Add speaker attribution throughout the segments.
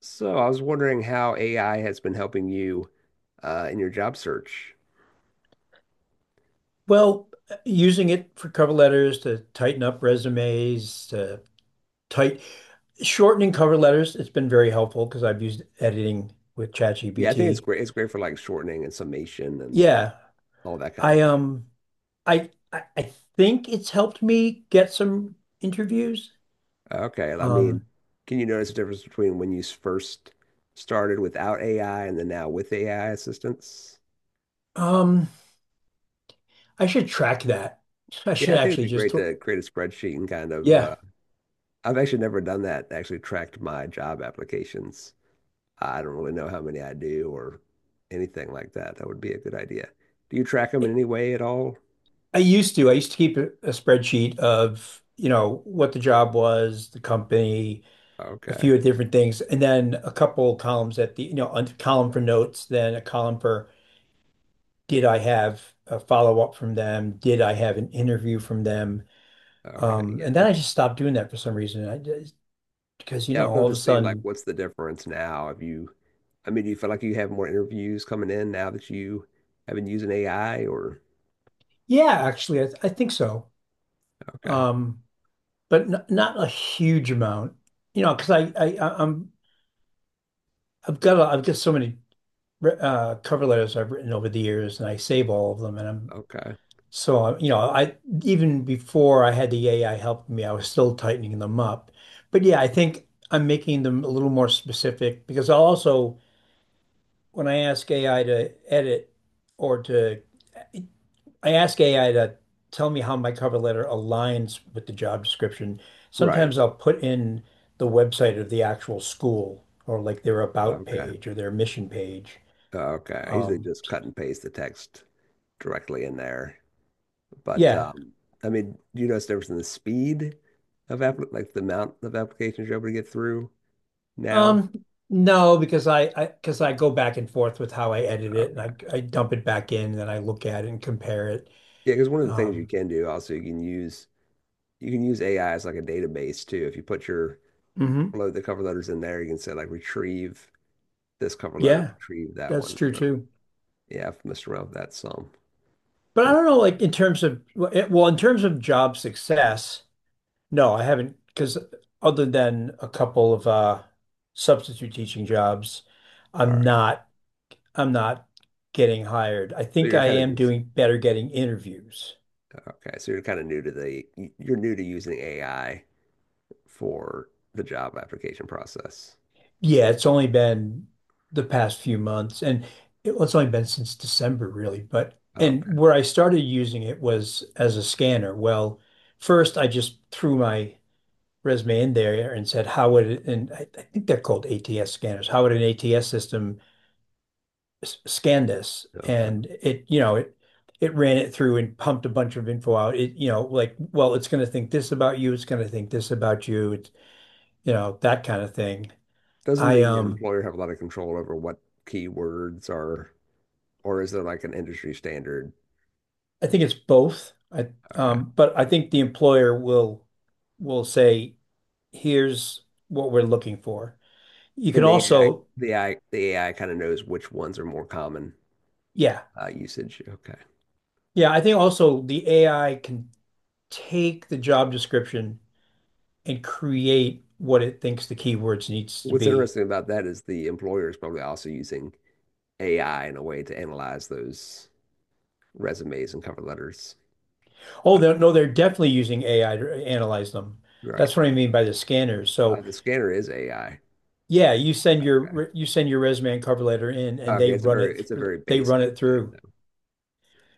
Speaker 1: So I was wondering how AI has been helping you in your job search.
Speaker 2: Well, using it for cover letters to tighten up resumes, to tight shortening cover letters, it's been very helpful because I've used editing with
Speaker 1: Yeah, I think it's
Speaker 2: ChatGPT.
Speaker 1: great. It's great for like shortening and summation and
Speaker 2: Yeah,
Speaker 1: all that kind of
Speaker 2: I
Speaker 1: thing.
Speaker 2: um I think it's helped me get some interviews.
Speaker 1: Okay, I mean,
Speaker 2: Um
Speaker 1: can you notice the difference between when you first started without AI and then now with AI assistance?
Speaker 2: um I should track that. I
Speaker 1: Yeah,
Speaker 2: should
Speaker 1: I think it'd
Speaker 2: actually
Speaker 1: be
Speaker 2: just
Speaker 1: great
Speaker 2: th
Speaker 1: to create a spreadsheet and kind of
Speaker 2: Yeah.
Speaker 1: I've actually never done that, actually tracked my job applications. I don't really know how many I do or anything like that. That would be a good idea. Do you track them in
Speaker 2: I,
Speaker 1: any way at all?
Speaker 2: I used to. I used to keep a spreadsheet of, what the job was, the company, a
Speaker 1: Okay.
Speaker 2: few different things, and then a couple columns at the, a column for notes, then a column for: did I have a follow-up from them? Did I have an interview from them?
Speaker 1: Okay, yeah,
Speaker 2: And then I
Speaker 1: that's
Speaker 2: just stopped doing that for some reason. I just, because,
Speaker 1: yeah. I would love
Speaker 2: all of
Speaker 1: to
Speaker 2: a
Speaker 1: see like
Speaker 2: sudden.
Speaker 1: what's the difference now. If you, I mean, do you feel like you have more interviews coming in now that you have been using AI, or
Speaker 2: Yeah, actually, I think so.
Speaker 1: okay,
Speaker 2: Um, but n not a huge amount, because I'm, I've got so many cover letters I've written over the years, and I save all of them, and I'm.
Speaker 1: okay,
Speaker 2: So, I, even before I had the AI helping me, I was still tightening them up. But yeah, I think I'm making them a little more specific because I'll also, when I ask AI to edit or to, I ask AI to tell me how my cover letter aligns with the job description.
Speaker 1: right,
Speaker 2: Sometimes I'll put in the website of the actual school, or like their about
Speaker 1: okay,
Speaker 2: page or their mission page.
Speaker 1: okay. I usually
Speaker 2: Um,
Speaker 1: just cut and paste the text directly in there, but
Speaker 2: yeah.
Speaker 1: I mean, do you notice the difference in the speed of app like the amount of applications you're able to get through now?
Speaker 2: No, because I because I go back and forth with how I edit it, and
Speaker 1: Okay,
Speaker 2: I dump it back in and then I look at it and compare it.
Speaker 1: yeah, because one of the things you
Speaker 2: Um,
Speaker 1: can do also you can use AI as like a database too. If you put your
Speaker 2: mhm.
Speaker 1: upload the cover letters in there. You can say like retrieve this cover letter,
Speaker 2: Yeah,
Speaker 1: retrieve that
Speaker 2: that's
Speaker 1: one.
Speaker 2: true
Speaker 1: So
Speaker 2: too.
Speaker 1: yeah, I've messed around with that some.
Speaker 2: But I don't
Speaker 1: That's-
Speaker 2: know, like in terms of well, eh, well, in terms of job success, no, I haven't, because other than a couple of substitute teaching jobs,
Speaker 1: all
Speaker 2: I'm
Speaker 1: right.
Speaker 2: not I'm not getting hired. I
Speaker 1: So
Speaker 2: think
Speaker 1: you're
Speaker 2: I
Speaker 1: kind of
Speaker 2: am
Speaker 1: just,
Speaker 2: doing better getting interviews.
Speaker 1: okay. So you're new to using AI for the job application process.
Speaker 2: Yeah, it's only been the past few months, and it's only been since December, really. But and
Speaker 1: Okay.
Speaker 2: where I started using it was as a scanner. Well, first I just threw my resume in there and said, "How would it?" And I think they're called ATS scanners. How would an ATS system scan this?
Speaker 1: Okay.
Speaker 2: And it ran it through and pumped a bunch of info out. It, like, well, it's going to think this about you. It's going to think this about you. It's that kind of thing.
Speaker 1: Doesn't
Speaker 2: I
Speaker 1: the
Speaker 2: um.
Speaker 1: employer have a lot of control over what keywords are, or is there like an industry standard?
Speaker 2: I think it's both. I
Speaker 1: Okay.
Speaker 2: But I think the employer will say, here's what we're looking for. You can
Speaker 1: And the AI,
Speaker 2: also,
Speaker 1: the AI, the AI kind of knows which ones are more common
Speaker 2: yeah.
Speaker 1: usage. Okay.
Speaker 2: Yeah, I think also the AI can take the job description and create what it thinks the keywords needs to
Speaker 1: What's
Speaker 2: be.
Speaker 1: interesting about that is the employer is probably also using AI in a way to analyze those resumes and cover letters.
Speaker 2: Oh,
Speaker 1: Uh,
Speaker 2: they're, no, they're definitely using AI to analyze them.
Speaker 1: Right.
Speaker 2: That's what I mean by the scanners. So
Speaker 1: The scanner is AI.
Speaker 2: yeah, you send
Speaker 1: Okay.
Speaker 2: your you send your resume and cover letter in, and
Speaker 1: Okay.
Speaker 2: they run
Speaker 1: It's a very basic
Speaker 2: it
Speaker 1: thing
Speaker 2: through.
Speaker 1: though.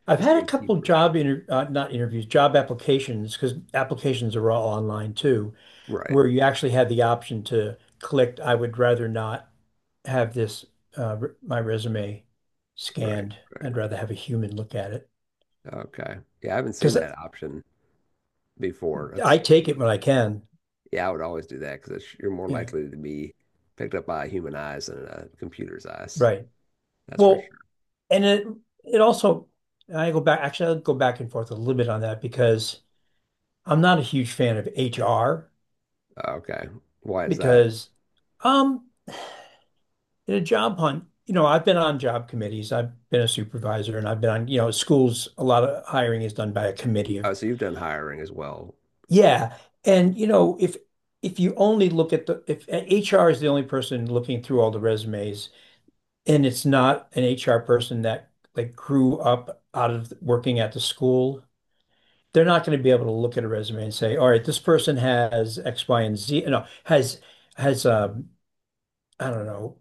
Speaker 2: I've
Speaker 1: It's
Speaker 2: had
Speaker 1: like
Speaker 2: a
Speaker 1: a
Speaker 2: couple
Speaker 1: keyword check.
Speaker 2: job inter not interviews, job applications, because applications are all online too,
Speaker 1: Right.
Speaker 2: where you actually had the option to click, I would rather not have my resume
Speaker 1: Right.
Speaker 2: scanned.
Speaker 1: Right.
Speaker 2: I'd rather have a human look at it,
Speaker 1: Okay. Yeah, I haven't seen
Speaker 2: because
Speaker 1: that option before.
Speaker 2: I
Speaker 1: That's
Speaker 2: take it when I can.
Speaker 1: Yeah, I would always do that because you're more
Speaker 2: Yeah,
Speaker 1: likely to be picked up by human eyes than a computer's eyes.
Speaker 2: right.
Speaker 1: That's for
Speaker 2: Well,
Speaker 1: sure.
Speaker 2: and it also, I go back actually I'll go back and forth a little bit on that, because I'm not a huge fan of HR,
Speaker 1: Okay. Why is that?
Speaker 2: because. Um, In a job hunt, I've been on job committees. I've been a supervisor, and I've been on, schools, a lot of hiring is done by a committee of,
Speaker 1: Oh, so you've done hiring as well.
Speaker 2: yeah. And, if you only look at the, if HR is the only person looking through all the resumes, and it's not an HR person that, like, grew up out of working at the school, they're not going to be able to look at a resume and say, all right, this person has X, Y, and Z, no, has I don't know,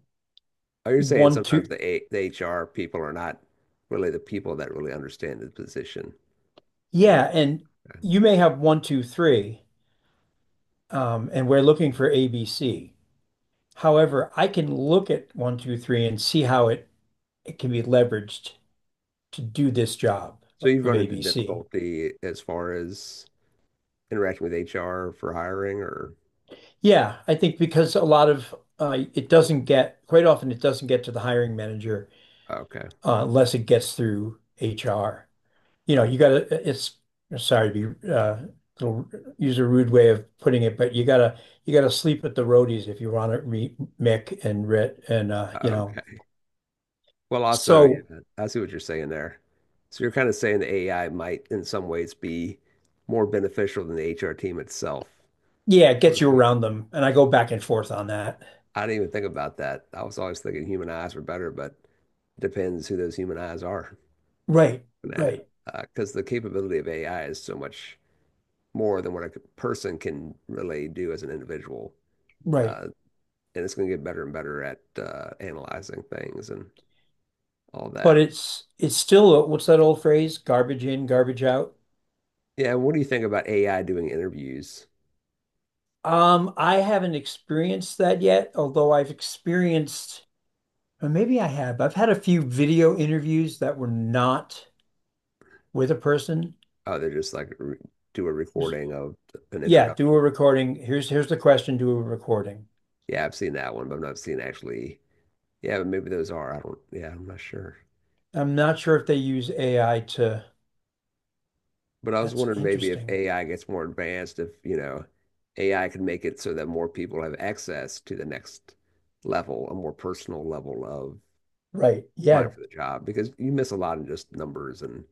Speaker 1: Oh, you're saying
Speaker 2: one,
Speaker 1: sometimes
Speaker 2: two.
Speaker 1: the HR people are not really the people that really understand the position and what.
Speaker 2: Yeah, and you may have one, two, three, and we're looking for ABC. However, I can look at one, two, three and see how it can be leveraged to do this job
Speaker 1: So you've
Speaker 2: of
Speaker 1: run into
Speaker 2: ABC.
Speaker 1: difficulty as far as interacting with HR for hiring, or
Speaker 2: Yeah, I think because a lot of it doesn't get, quite often it doesn't get to the hiring manager,
Speaker 1: okay,
Speaker 2: unless it gets through HR. You
Speaker 1: oh,
Speaker 2: gotta, it's, sorry to be, little- use a rude way of putting it, but you gotta sleep at the roadies if you want to meet Mick and Rit and, you know.
Speaker 1: okay. Well, also,
Speaker 2: So,
Speaker 1: yeah, I see what you're saying there. So you're kind of saying the AI might, in some ways, be more beneficial than the HR team itself.
Speaker 2: yeah, it gets you around them. And I go back and forth on that.
Speaker 1: I didn't even think about that. I was always thinking human eyes were better, but depends who those human eyes are
Speaker 2: Right,
Speaker 1: at
Speaker 2: right,
Speaker 1: it. Because the capability of AI is so much more than what a person can really do as an individual.
Speaker 2: right.
Speaker 1: Uh, and it's going to get better and better at analyzing things and all
Speaker 2: But
Speaker 1: that.
Speaker 2: it's still, what's that old phrase? Garbage in, garbage out.
Speaker 1: Yeah, what do you think about AI doing interviews?
Speaker 2: I haven't experienced that yet, although I've experienced, or maybe I have. I've had a few video interviews that were not with a person.
Speaker 1: Oh, they're just like do a recording of an
Speaker 2: Yeah, do
Speaker 1: introduction.
Speaker 2: a recording. Here's the question, do a recording.
Speaker 1: Yeah, I've seen that one, but I've not seen actually. Yeah, but maybe those are. I don't. Yeah, I'm not sure.
Speaker 2: I'm not sure if they use AI to,
Speaker 1: But I was
Speaker 2: that's
Speaker 1: wondering maybe if
Speaker 2: interesting.
Speaker 1: AI gets more advanced, if AI could make it so that more people have access to the next level, a more personal level of
Speaker 2: Right.
Speaker 1: applying
Speaker 2: Yeah.
Speaker 1: for the job, because you miss a lot in just numbers and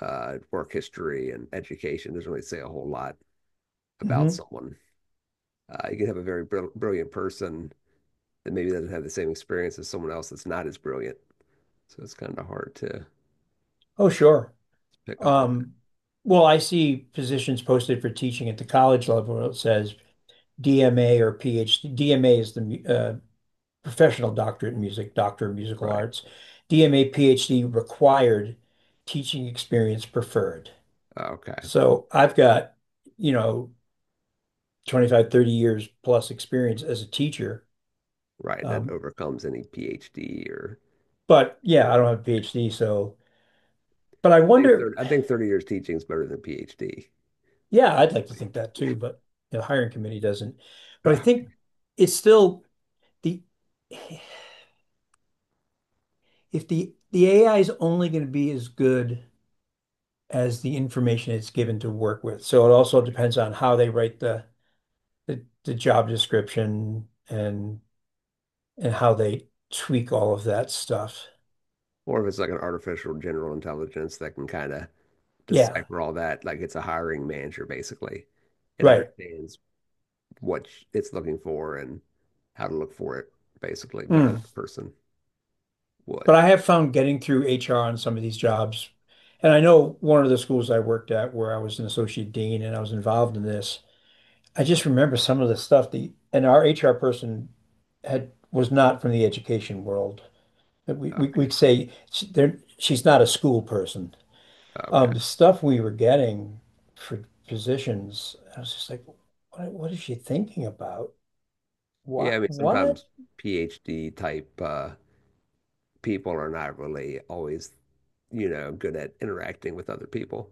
Speaker 1: work history and education. Doesn't really say a whole lot about
Speaker 2: Hmm.
Speaker 1: someone. You can have a very brilliant person that maybe doesn't have the same experience as someone else that's not as brilliant. So it's kind of hard to
Speaker 2: Oh, sure.
Speaker 1: pick up on that.
Speaker 2: Um, well, I see positions posted for teaching at the college level where it says DMA or PhD. DMA is the professional doctorate in music, doctor of musical
Speaker 1: Right.
Speaker 2: arts. DMA, PhD required, teaching experience preferred.
Speaker 1: Okay.
Speaker 2: So I've got, you know, 25, 30 years plus experience as a teacher.
Speaker 1: Right. That
Speaker 2: Um,
Speaker 1: overcomes any PhD, or,
Speaker 2: but yeah, I
Speaker 1: or
Speaker 2: don't have a PhD, so, but I wonder,
Speaker 1: I think 30 years teaching is better than a PhD,
Speaker 2: yeah, I'd like to
Speaker 1: personally.
Speaker 2: think that
Speaker 1: Yeah,
Speaker 2: too, but the hiring committee doesn't. But I
Speaker 1: uh,
Speaker 2: think it's still, the if the the AI is only going to be as good as the information it's given to work with. So it also depends on how they write the the job description, and how they tweak all of that stuff.
Speaker 1: or if it's like an artificial general intelligence that can kind of
Speaker 2: Yeah,
Speaker 1: decipher all that, like it's a hiring manager basically, and
Speaker 2: right.
Speaker 1: understands what it's looking for and how to look for it basically better than
Speaker 2: Mm.
Speaker 1: a person
Speaker 2: But
Speaker 1: would.
Speaker 2: I have found getting through HR on some of these jobs. And I know one of the schools I worked at where I was an associate dean and I was involved in this. I just remember some of the stuff, the and our HR person had was not from the education world. We, we
Speaker 1: Okay,
Speaker 2: we'd say she's not a school person.
Speaker 1: okay.
Speaker 2: The stuff we were getting for positions, I was just like, what is she thinking about?
Speaker 1: Yeah,
Speaker 2: What
Speaker 1: I mean
Speaker 2: what?
Speaker 1: sometimes PhD type people are not really always, good at interacting with other people,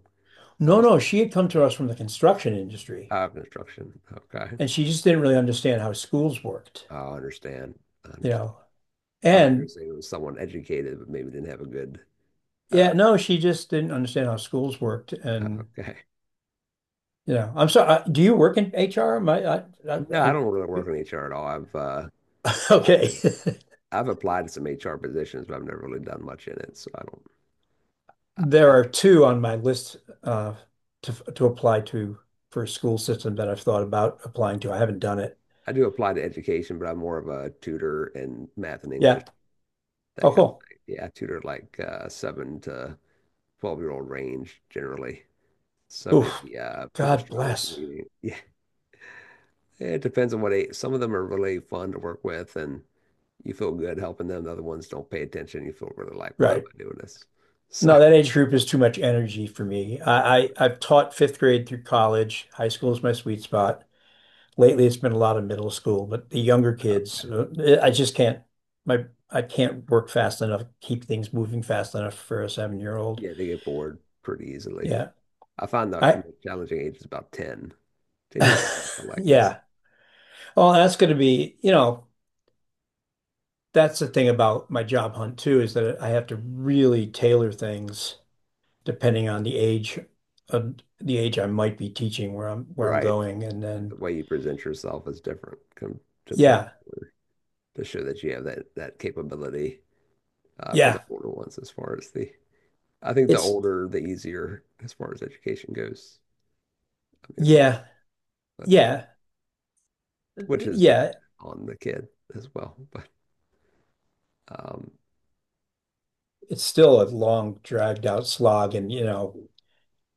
Speaker 2: No,
Speaker 1: other
Speaker 2: no, she had come to us from the construction industry.
Speaker 1: construction. Okay.
Speaker 2: And she just didn't really understand how schools worked,
Speaker 1: I understand. I
Speaker 2: you
Speaker 1: understand.
Speaker 2: know.
Speaker 1: I thought you were
Speaker 2: And
Speaker 1: saying it was someone educated, but maybe didn't have a good. Uh,
Speaker 2: yeah, no, she just didn't understand how schools worked. And
Speaker 1: okay.
Speaker 2: you know, I'm sorry, do you work in HR? My, I,
Speaker 1: No, I
Speaker 2: I,
Speaker 1: don't really work in HR at all.
Speaker 2: okay.
Speaker 1: I've, I've applied to some HR positions, but I've never really done much in it. So I don't. I,
Speaker 2: There
Speaker 1: I,
Speaker 2: are two on my list, uh, to apply to, for a school system that I've thought about applying to. I haven't done it.
Speaker 1: I do apply to education, but I'm more of a tutor in math and English,
Speaker 2: Yeah.
Speaker 1: that
Speaker 2: Oh,
Speaker 1: kind
Speaker 2: cool.
Speaker 1: of thing. Yeah, I tutor like 7 to 12 year old range generally. So
Speaker 2: Oof.
Speaker 1: maybe people
Speaker 2: God
Speaker 1: struggle with
Speaker 2: bless.
Speaker 1: reading. Yeah, it depends on what age. Some of them are really fun to work with, and you feel good helping them. The other ones don't pay attention. You feel really like, why am
Speaker 2: Right.
Speaker 1: I doing this? So
Speaker 2: No, that age group is too much energy for me. I've taught fifth grade through college. High school is my sweet spot. Lately, it's been a lot of middle school, but the younger kids, I just can't. My I can't work fast enough, keep things moving fast enough for a 7-year-old.
Speaker 1: yeah, they get bored pretty easily.
Speaker 2: Yeah,
Speaker 1: I find that the
Speaker 2: I.
Speaker 1: most challenging age is about 10. 10 years old, I feel like is
Speaker 2: Yeah. Well, that's going to be, that's the thing about my job hunt too, is that I have to really tailor things depending on the age I might be teaching, where I'm
Speaker 1: right.
Speaker 2: going. And
Speaker 1: The
Speaker 2: then,
Speaker 1: way you present yourself is different come to
Speaker 2: yeah,
Speaker 1: to show that you have that capability for the
Speaker 2: yeah.
Speaker 1: older ones as far as the I think the
Speaker 2: It's,
Speaker 1: older the easier as far as education goes. I mean, it feels,
Speaker 2: yeah,
Speaker 1: but
Speaker 2: yeah,
Speaker 1: which is
Speaker 2: yeah.
Speaker 1: dependent on the kid as well. But um,
Speaker 2: It's still a long, dragged out slog, and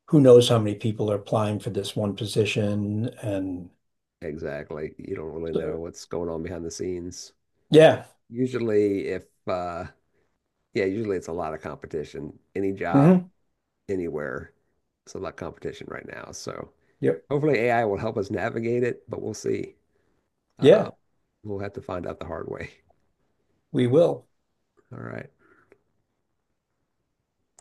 Speaker 2: who knows how many people are applying for this one position, and
Speaker 1: Exactly. You don't really
Speaker 2: so,
Speaker 1: know what's going on behind the scenes.
Speaker 2: yeah.
Speaker 1: Usually, if Yeah, usually it's a lot of competition. Any job,
Speaker 2: Hmm.
Speaker 1: anywhere, it's a lot of competition right now. So
Speaker 2: Yep,
Speaker 1: hopefully AI will help us navigate it, but we'll see. Uh,
Speaker 2: yeah,
Speaker 1: we'll have to find out the hard way.
Speaker 2: we will.
Speaker 1: All right.